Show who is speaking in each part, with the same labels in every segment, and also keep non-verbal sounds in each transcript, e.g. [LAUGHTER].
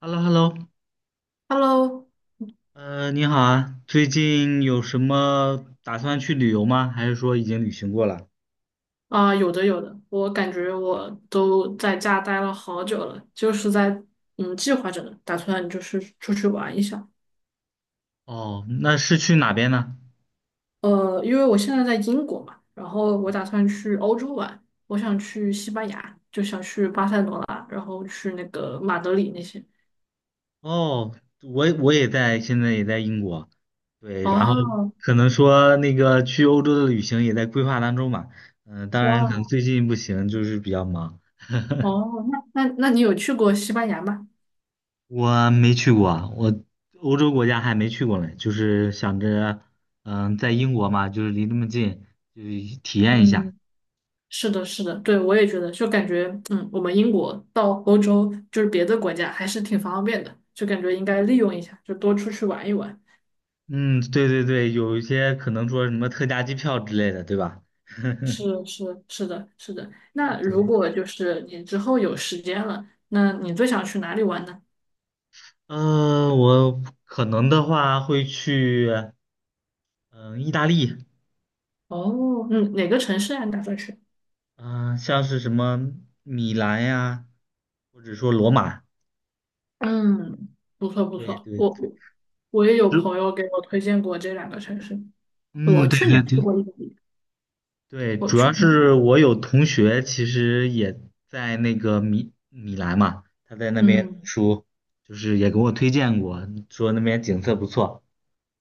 Speaker 1: h e l l o h e l l o
Speaker 2: Hello，
Speaker 1: 你好啊，最近有什么打算去旅游吗？还是说已经旅行过了？
Speaker 2: 啊、有的有的，我感觉我都在家待了好久了，就是在计划着呢，打算就是出去玩一下。
Speaker 1: 哦，那是去哪边呢？
Speaker 2: 因为我现在在英国嘛，然后我打算去欧洲玩，我想去西班牙，就想去巴塞罗那，然后去那个马德里那些。
Speaker 1: 哦，我也在，现在也在英国，对，然后
Speaker 2: 哦，
Speaker 1: 可能说那个去欧洲的旅行也在规划当中吧。当然可能
Speaker 2: 哇，
Speaker 1: 最近不行，就是比较忙。
Speaker 2: 哦，那你有去过西班牙吗？
Speaker 1: 我没去过啊，我欧洲国家还没去过呢，就是想着，在英国嘛，就是离那么近，就是体验一下。
Speaker 2: 嗯，是的，是的，对，我也觉得，就感觉，我们英国到欧洲，就是别的国家，还是挺方便的，就感觉应该利用一下，就多出去玩一玩。
Speaker 1: 嗯，对对对，有一些可能说什么特价机票之类的，对吧？
Speaker 2: 是
Speaker 1: [LAUGHS]
Speaker 2: 是是的，是的。那如
Speaker 1: 对，
Speaker 2: 果就是你之后有时间了，那你最想去哪里玩呢？
Speaker 1: 我可能的话会去，嗯、意大利，
Speaker 2: 哦，嗯，哪个城市啊？你打算去？
Speaker 1: 嗯、像是什么米兰呀，或者说罗马，
Speaker 2: 嗯，不错不
Speaker 1: 对
Speaker 2: 错，
Speaker 1: 对对，
Speaker 2: 我我也有
Speaker 1: 主，
Speaker 2: 朋友给我推荐过这两个城市。我
Speaker 1: 嗯，对
Speaker 2: 去年
Speaker 1: 对
Speaker 2: 去
Speaker 1: 对
Speaker 2: 过意大利，
Speaker 1: 对，
Speaker 2: 我
Speaker 1: 主
Speaker 2: 去
Speaker 1: 要
Speaker 2: 年，
Speaker 1: 是我有同学其实也在那个米兰嘛，他在那边
Speaker 2: 嗯。
Speaker 1: 读书就是也给我推荐过，说那边景色不错。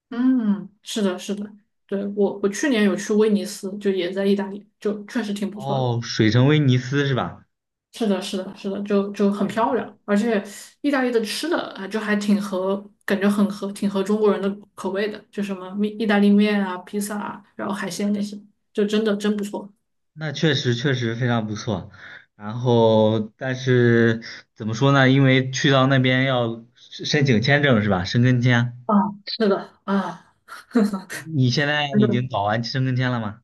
Speaker 2: 嗯，是的，是的，对，我去年有去威尼斯，就也在意大利，就确实挺不错的。
Speaker 1: 哦，水城威尼斯是吧？
Speaker 2: 是的，是的，是的，就很漂亮，而且意大利的吃的啊，就还挺合，感觉很合，挺合中国人的口味的，就什么面意大利面啊、披萨啊，然后海鲜那些，就真的真不错。
Speaker 1: 那确实非常不错，然后但是怎么说呢？因为去到那边要申请签证是吧？申根签，
Speaker 2: 啊，是的，啊，
Speaker 1: 你现在
Speaker 2: 真
Speaker 1: 已经
Speaker 2: 的
Speaker 1: 搞完申根签了吗？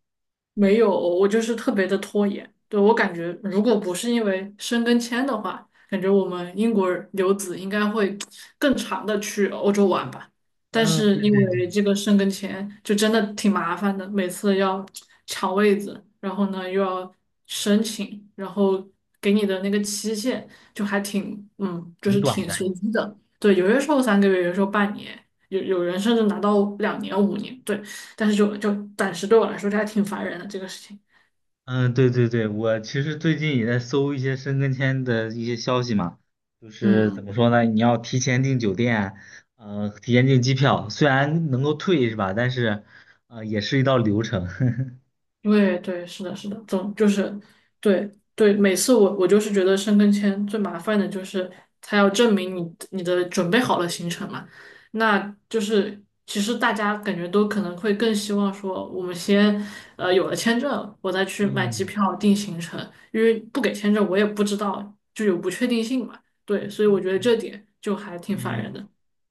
Speaker 2: 没有，我就是特别的拖延。对，我感觉，如果不是因为申根签的话，感觉我们英国留子应该会更长的去欧洲玩吧。但
Speaker 1: 嗯，
Speaker 2: 是因
Speaker 1: 对
Speaker 2: 为这个申根签，就真的挺麻烦的，每次要抢位子，然后呢又要申请，然后给你的那个期限就还挺，就
Speaker 1: 挺
Speaker 2: 是
Speaker 1: 短
Speaker 2: 挺
Speaker 1: 的。
Speaker 2: 随机的。对，有些时候三个月，有些时候半年，有人甚至拿到2年、5年。对。但是就暂时对我来说，这还挺烦人的这个事情。
Speaker 1: 嗯，对对对，我其实最近也在搜一些申根签的一些消息嘛，就是怎么
Speaker 2: 嗯，
Speaker 1: 说呢？你要提前订酒店，提前订机票，虽然能够退是吧？但是，也是一道流程。[LAUGHS]
Speaker 2: 对对，是的，是的，总就是对对，每次我就是觉得申根签最麻烦的就是他要证明你的准备好了行程嘛，那就是其实大家感觉都可能会更希望说我们先有了签证，我再去买机
Speaker 1: 嗯
Speaker 2: 票定行程，因为不给签证我也不知道就有不确定性嘛，对，所以我觉得这点就还挺烦
Speaker 1: 嗯。
Speaker 2: 人的。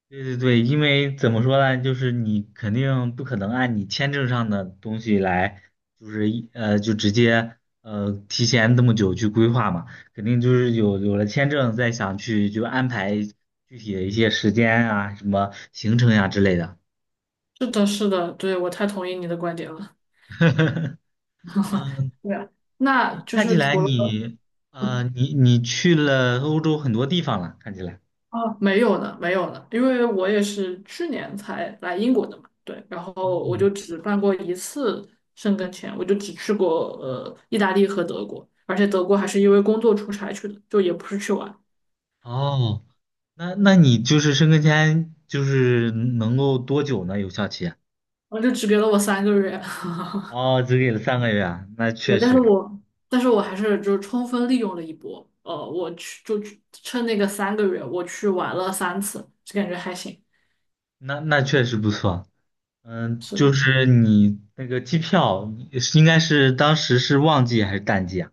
Speaker 1: 对对对，因为怎么说呢，就是你肯定不可能按你签证上的东西来，就是一呃就直接提前这么久去规划嘛，肯定就是有了签证再想去就安排具体的一些时间啊、什么行程呀、之类的。
Speaker 2: 是的，是的，对，我太同意你的观点了。
Speaker 1: [LAUGHS]
Speaker 2: [LAUGHS]
Speaker 1: 嗯，
Speaker 2: 对，啊，那就
Speaker 1: 看起
Speaker 2: 是
Speaker 1: 来
Speaker 2: 除了
Speaker 1: 你你去了欧洲很多地方了，看起来。
Speaker 2: 啊，哦没有呢，没有呢，因为我也是去年才来英国的嘛，对，然
Speaker 1: 哦
Speaker 2: 后我就只办过一次申根签，我就只去过意大利和德国，而且德国还是因为工作出差去的，就也不是去玩，然
Speaker 1: 哦，那那你就是申根签就是能够多久呢？有效期啊？
Speaker 2: 后就只给了我三个月，[LAUGHS]
Speaker 1: 哦，只给了3个月啊，那确
Speaker 2: 对，
Speaker 1: 实，
Speaker 2: 但是我还是就是充分利用了一波，我去就去趁那个三个月，我去玩了3次，就感觉还行，
Speaker 1: 那那确实不错。嗯，
Speaker 2: 是的。
Speaker 1: 就是你那个机票是应该是当时是旺季还是淡季啊？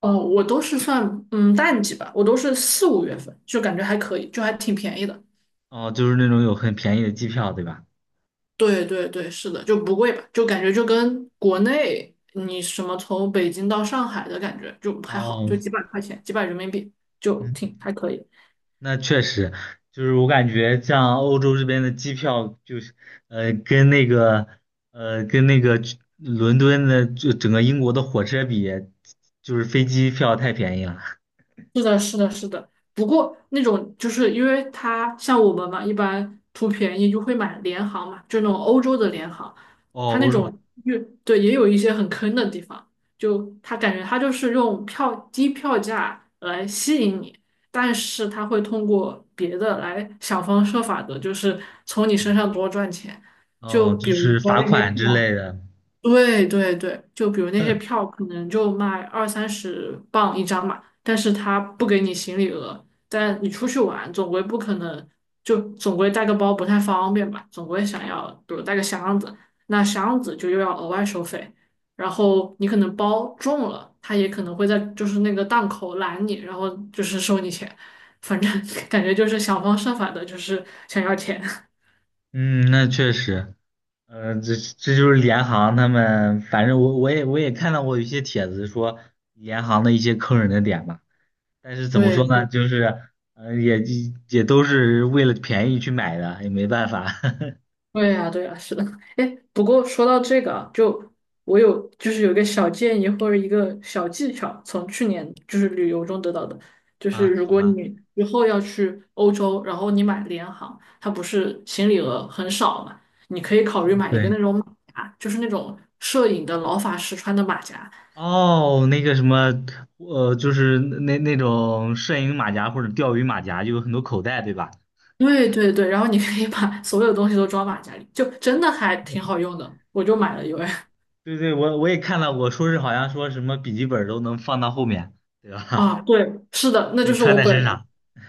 Speaker 2: 哦，我都是算淡季吧，我都是四五月份，就感觉还可以，就还挺便宜的。
Speaker 1: 哦，就是那种有很便宜的机票，对吧？
Speaker 2: 对对对，是的，就不贵吧，就感觉就跟国内你什么从北京到上海的感觉就还好，
Speaker 1: 哦，
Speaker 2: 就几百块钱，几百人民币就
Speaker 1: 嗯，
Speaker 2: 挺还可以。
Speaker 1: 那确实，就是我感觉像欧洲这边的机票，就是呃，跟那个跟那个去伦敦的就整个英国的火车比，就是飞机票太便宜了。
Speaker 2: 是的，是的，是的。不过那种就是因为他像我们嘛，一般图便宜就会买联行嘛，就那种欧洲的联行，
Speaker 1: 哦，
Speaker 2: 他那
Speaker 1: 我说，
Speaker 2: 种越对也有一些很坑的地方，就他感觉他就是用票低票价来吸引你，但是他会通过别的来想方设法的，就是从你身上多赚钱。
Speaker 1: 哦，
Speaker 2: 就
Speaker 1: 就
Speaker 2: 比如
Speaker 1: 是
Speaker 2: 说
Speaker 1: 罚
Speaker 2: 那些
Speaker 1: 款之
Speaker 2: 票。
Speaker 1: 类的。
Speaker 2: 对对对，就比如那些票可能就卖二三十磅一张嘛，但是他不给你行李额，但你出去玩总归不可能，就总归带个包不太方便吧，总归想要比如带个箱子，那箱子就又要额外收费，然后你可能包重了，他也可能会在就是那个档口拦你，然后就是收你钱，反正 [LAUGHS] 感觉就是想方设法的，就是想要钱。[LAUGHS]
Speaker 1: 嗯，那确实，嗯，这这就是联行他们，反正我也看到过一些帖子说联行的一些坑人的点吧，但是怎么
Speaker 2: 对
Speaker 1: 说呢，
Speaker 2: 对。
Speaker 1: 就是嗯，也都是为了便宜去买的，也没办法
Speaker 2: 对呀，对呀，是的。哎，不过说到这个啊就就是有一个小建议或者一个小技巧，从去年就是旅游中得到的，
Speaker 1: [LAUGHS]
Speaker 2: 就是
Speaker 1: 啊，
Speaker 2: 如
Speaker 1: 什
Speaker 2: 果
Speaker 1: 么？
Speaker 2: 你以后要去欧洲，然后你买联航，它不是行李额很少嘛，你可以考虑买一个
Speaker 1: 对，
Speaker 2: 那种马甲，就是那种摄影的老法师穿的马甲。
Speaker 1: 哦，那个什么，就是那那种摄影马甲或者钓鱼马甲，就有很多口袋，对吧？
Speaker 2: 对对对，然后你可以把所有东西都装马甲里，就真的还挺好用的，我就买了一位。[LAUGHS]
Speaker 1: 对对，我也看到过，说是好像说什么笔记本都能放到后面，对吧？
Speaker 2: 啊，对，是的，
Speaker 1: [LAUGHS]
Speaker 2: 那就
Speaker 1: 就
Speaker 2: 是
Speaker 1: 穿
Speaker 2: 我
Speaker 1: 在
Speaker 2: 本
Speaker 1: 身
Speaker 2: 人。
Speaker 1: 上。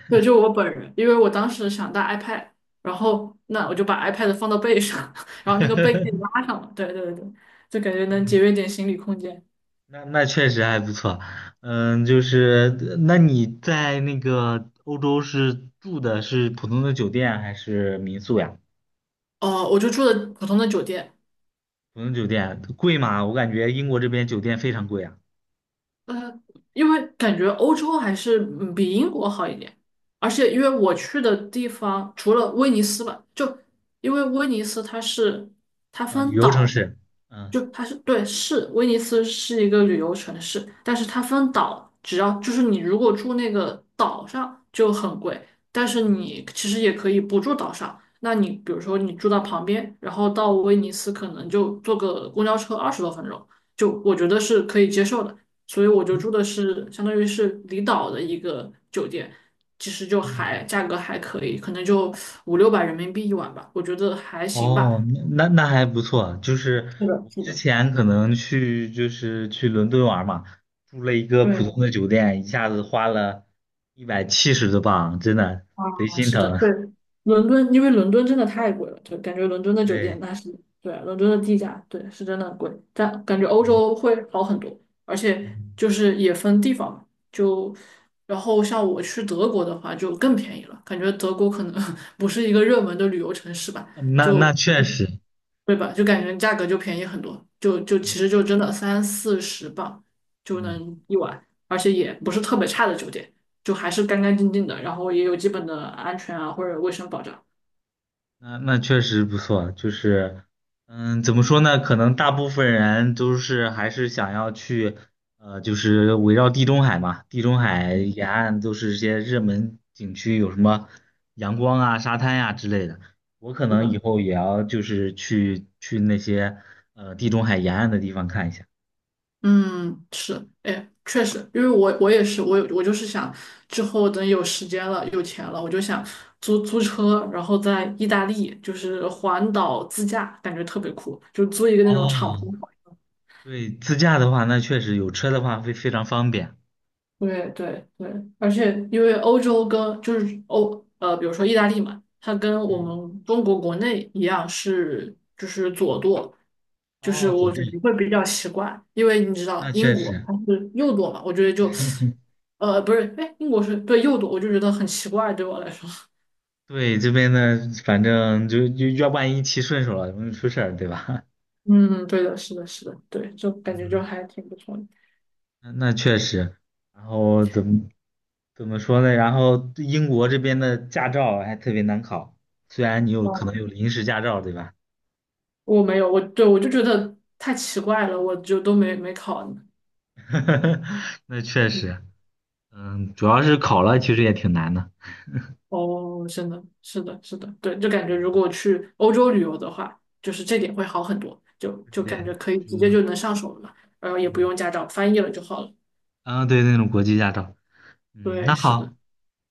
Speaker 2: 对，就我本人，因为我当时想带 iPad，然后那我就把 iPad 放到背上，[LAUGHS] 然后那
Speaker 1: [LAUGHS]
Speaker 2: 个背可以拉上了。对对对，就感觉能节约点行李空间。
Speaker 1: 那那确实还不错，嗯，就是那你在那个欧洲是住的是普通的酒店还是民宿呀？
Speaker 2: 哦、我就住的普通的酒店，
Speaker 1: 普通酒店贵吗？我感觉英国这边酒店非常贵啊。
Speaker 2: 呃，因为感觉欧洲还是比英国好一点，而且因为我去的地方除了威尼斯吧，就因为威尼斯它
Speaker 1: 嗯，旅
Speaker 2: 分
Speaker 1: 游城
Speaker 2: 岛嘛。
Speaker 1: 市，嗯
Speaker 2: 就它是对，是威尼斯是一个旅游城市，但是它分岛，只要就是你如果住那个岛上就很贵，但是你其实也可以不住岛上，那你比如说你住到旁边，然后到威尼斯可能就坐个公交车20多分钟，就我觉得是可以接受的，所以我就住的是相当于是离岛的一个酒店，其实就
Speaker 1: 嗯，
Speaker 2: 还价格还可以，可能就五六百人民币一晚吧，我觉得还行
Speaker 1: 哦，
Speaker 2: 吧。
Speaker 1: 那那还不错。就是
Speaker 2: 是的，
Speaker 1: 我
Speaker 2: 是
Speaker 1: 之
Speaker 2: 的，
Speaker 1: 前可能去就是去伦敦玩嘛，住了一个普通
Speaker 2: 对。
Speaker 1: 的酒店，一下子花了170多镑，真的贼
Speaker 2: 啊，
Speaker 1: 心
Speaker 2: 是的，
Speaker 1: 疼。
Speaker 2: 对，
Speaker 1: [LAUGHS]
Speaker 2: 伦敦，因为伦敦真的太贵了，就感觉伦敦的酒店
Speaker 1: 对，
Speaker 2: 那是，对啊，伦敦的地价，对，是真的贵，但感觉欧洲会好很多，而且
Speaker 1: 嗯
Speaker 2: 就是也分地方嘛，就，然后像我去德国的话就更便宜了，感觉德国可能 [LAUGHS] 不是一个热门的旅游城市吧，
Speaker 1: 那那
Speaker 2: 就，
Speaker 1: 确实，
Speaker 2: 对吧？就感觉价格就便宜很多，就其实就真的三四十镑就
Speaker 1: 嗯
Speaker 2: 能一晚，而且也不是特别差的酒店。就还是干干净净的，然后也有基本的安全啊或者卫生保障。
Speaker 1: 那那确实不错。就是，嗯，怎么说呢？可能大部分人都是还是想要去，就是围绕地中海嘛，地中海沿岸都是一些热门景区，有什么阳光啊、沙滩呀、之类的。我可
Speaker 2: 是
Speaker 1: 能以
Speaker 2: 的，
Speaker 1: 后也要就是去去那些地中海沿岸的地方看一下。
Speaker 2: 嗯，是，哎，确实，因为我也是，我就是想之后等有时间了、有钱了，我就想租车，然后在意大利就是环岛自驾，感觉特别酷，就租一个那种敞
Speaker 1: 哦，
Speaker 2: 篷。
Speaker 1: 对，自驾的话，那确实有车的话会非常方便。
Speaker 2: 对对对，而且因为欧洲跟就是比如说意大利嘛，它跟我
Speaker 1: 嗯，
Speaker 2: 们中国国内一样是就是左舵，就
Speaker 1: 哦，
Speaker 2: 是
Speaker 1: 走
Speaker 2: 我
Speaker 1: 路，
Speaker 2: 觉得会比较奇怪，因为你知道
Speaker 1: 那
Speaker 2: 英
Speaker 1: 确
Speaker 2: 国
Speaker 1: 实。
Speaker 2: 它是右舵嘛，我觉得就
Speaker 1: [LAUGHS]
Speaker 2: 不是，哎，英国是对右舵，我就觉得很奇怪，对我来说。[LAUGHS]
Speaker 1: 对，这边呢，反正就要万一骑顺手了，容易出事儿，对吧？
Speaker 2: 嗯，对的，是的，是的，对，就感
Speaker 1: [LAUGHS]
Speaker 2: 觉就
Speaker 1: 嗯，
Speaker 2: 还挺不错的。
Speaker 1: 那那确实。然后怎么说呢？然后英国这边的驾照还特别难考，虽然你有可
Speaker 2: 哦，
Speaker 1: 能有临时驾照，对吧？
Speaker 2: 我没有，我对我就觉得太奇怪了，我就都没考呢。
Speaker 1: [LAUGHS] 那确实，嗯，主要是考了，其实也挺难的。
Speaker 2: 哦，真的，是的，是的，对，就感觉如果去欧洲旅游的话，就是这点会好很多，就
Speaker 1: 对，
Speaker 2: 感觉可以
Speaker 1: 就
Speaker 2: 直接
Speaker 1: 是
Speaker 2: 就能上手了嘛，然后也不
Speaker 1: 嗯，
Speaker 2: 用驾照，翻译了就好了。
Speaker 1: 啊，对，那种国际驾照。嗯，那
Speaker 2: 对，是的，
Speaker 1: 好，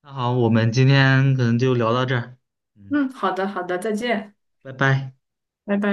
Speaker 1: 那好，我们今天可能就聊到这儿。嗯，
Speaker 2: 嗯，好的，好的，再见，
Speaker 1: 拜拜。
Speaker 2: 拜拜。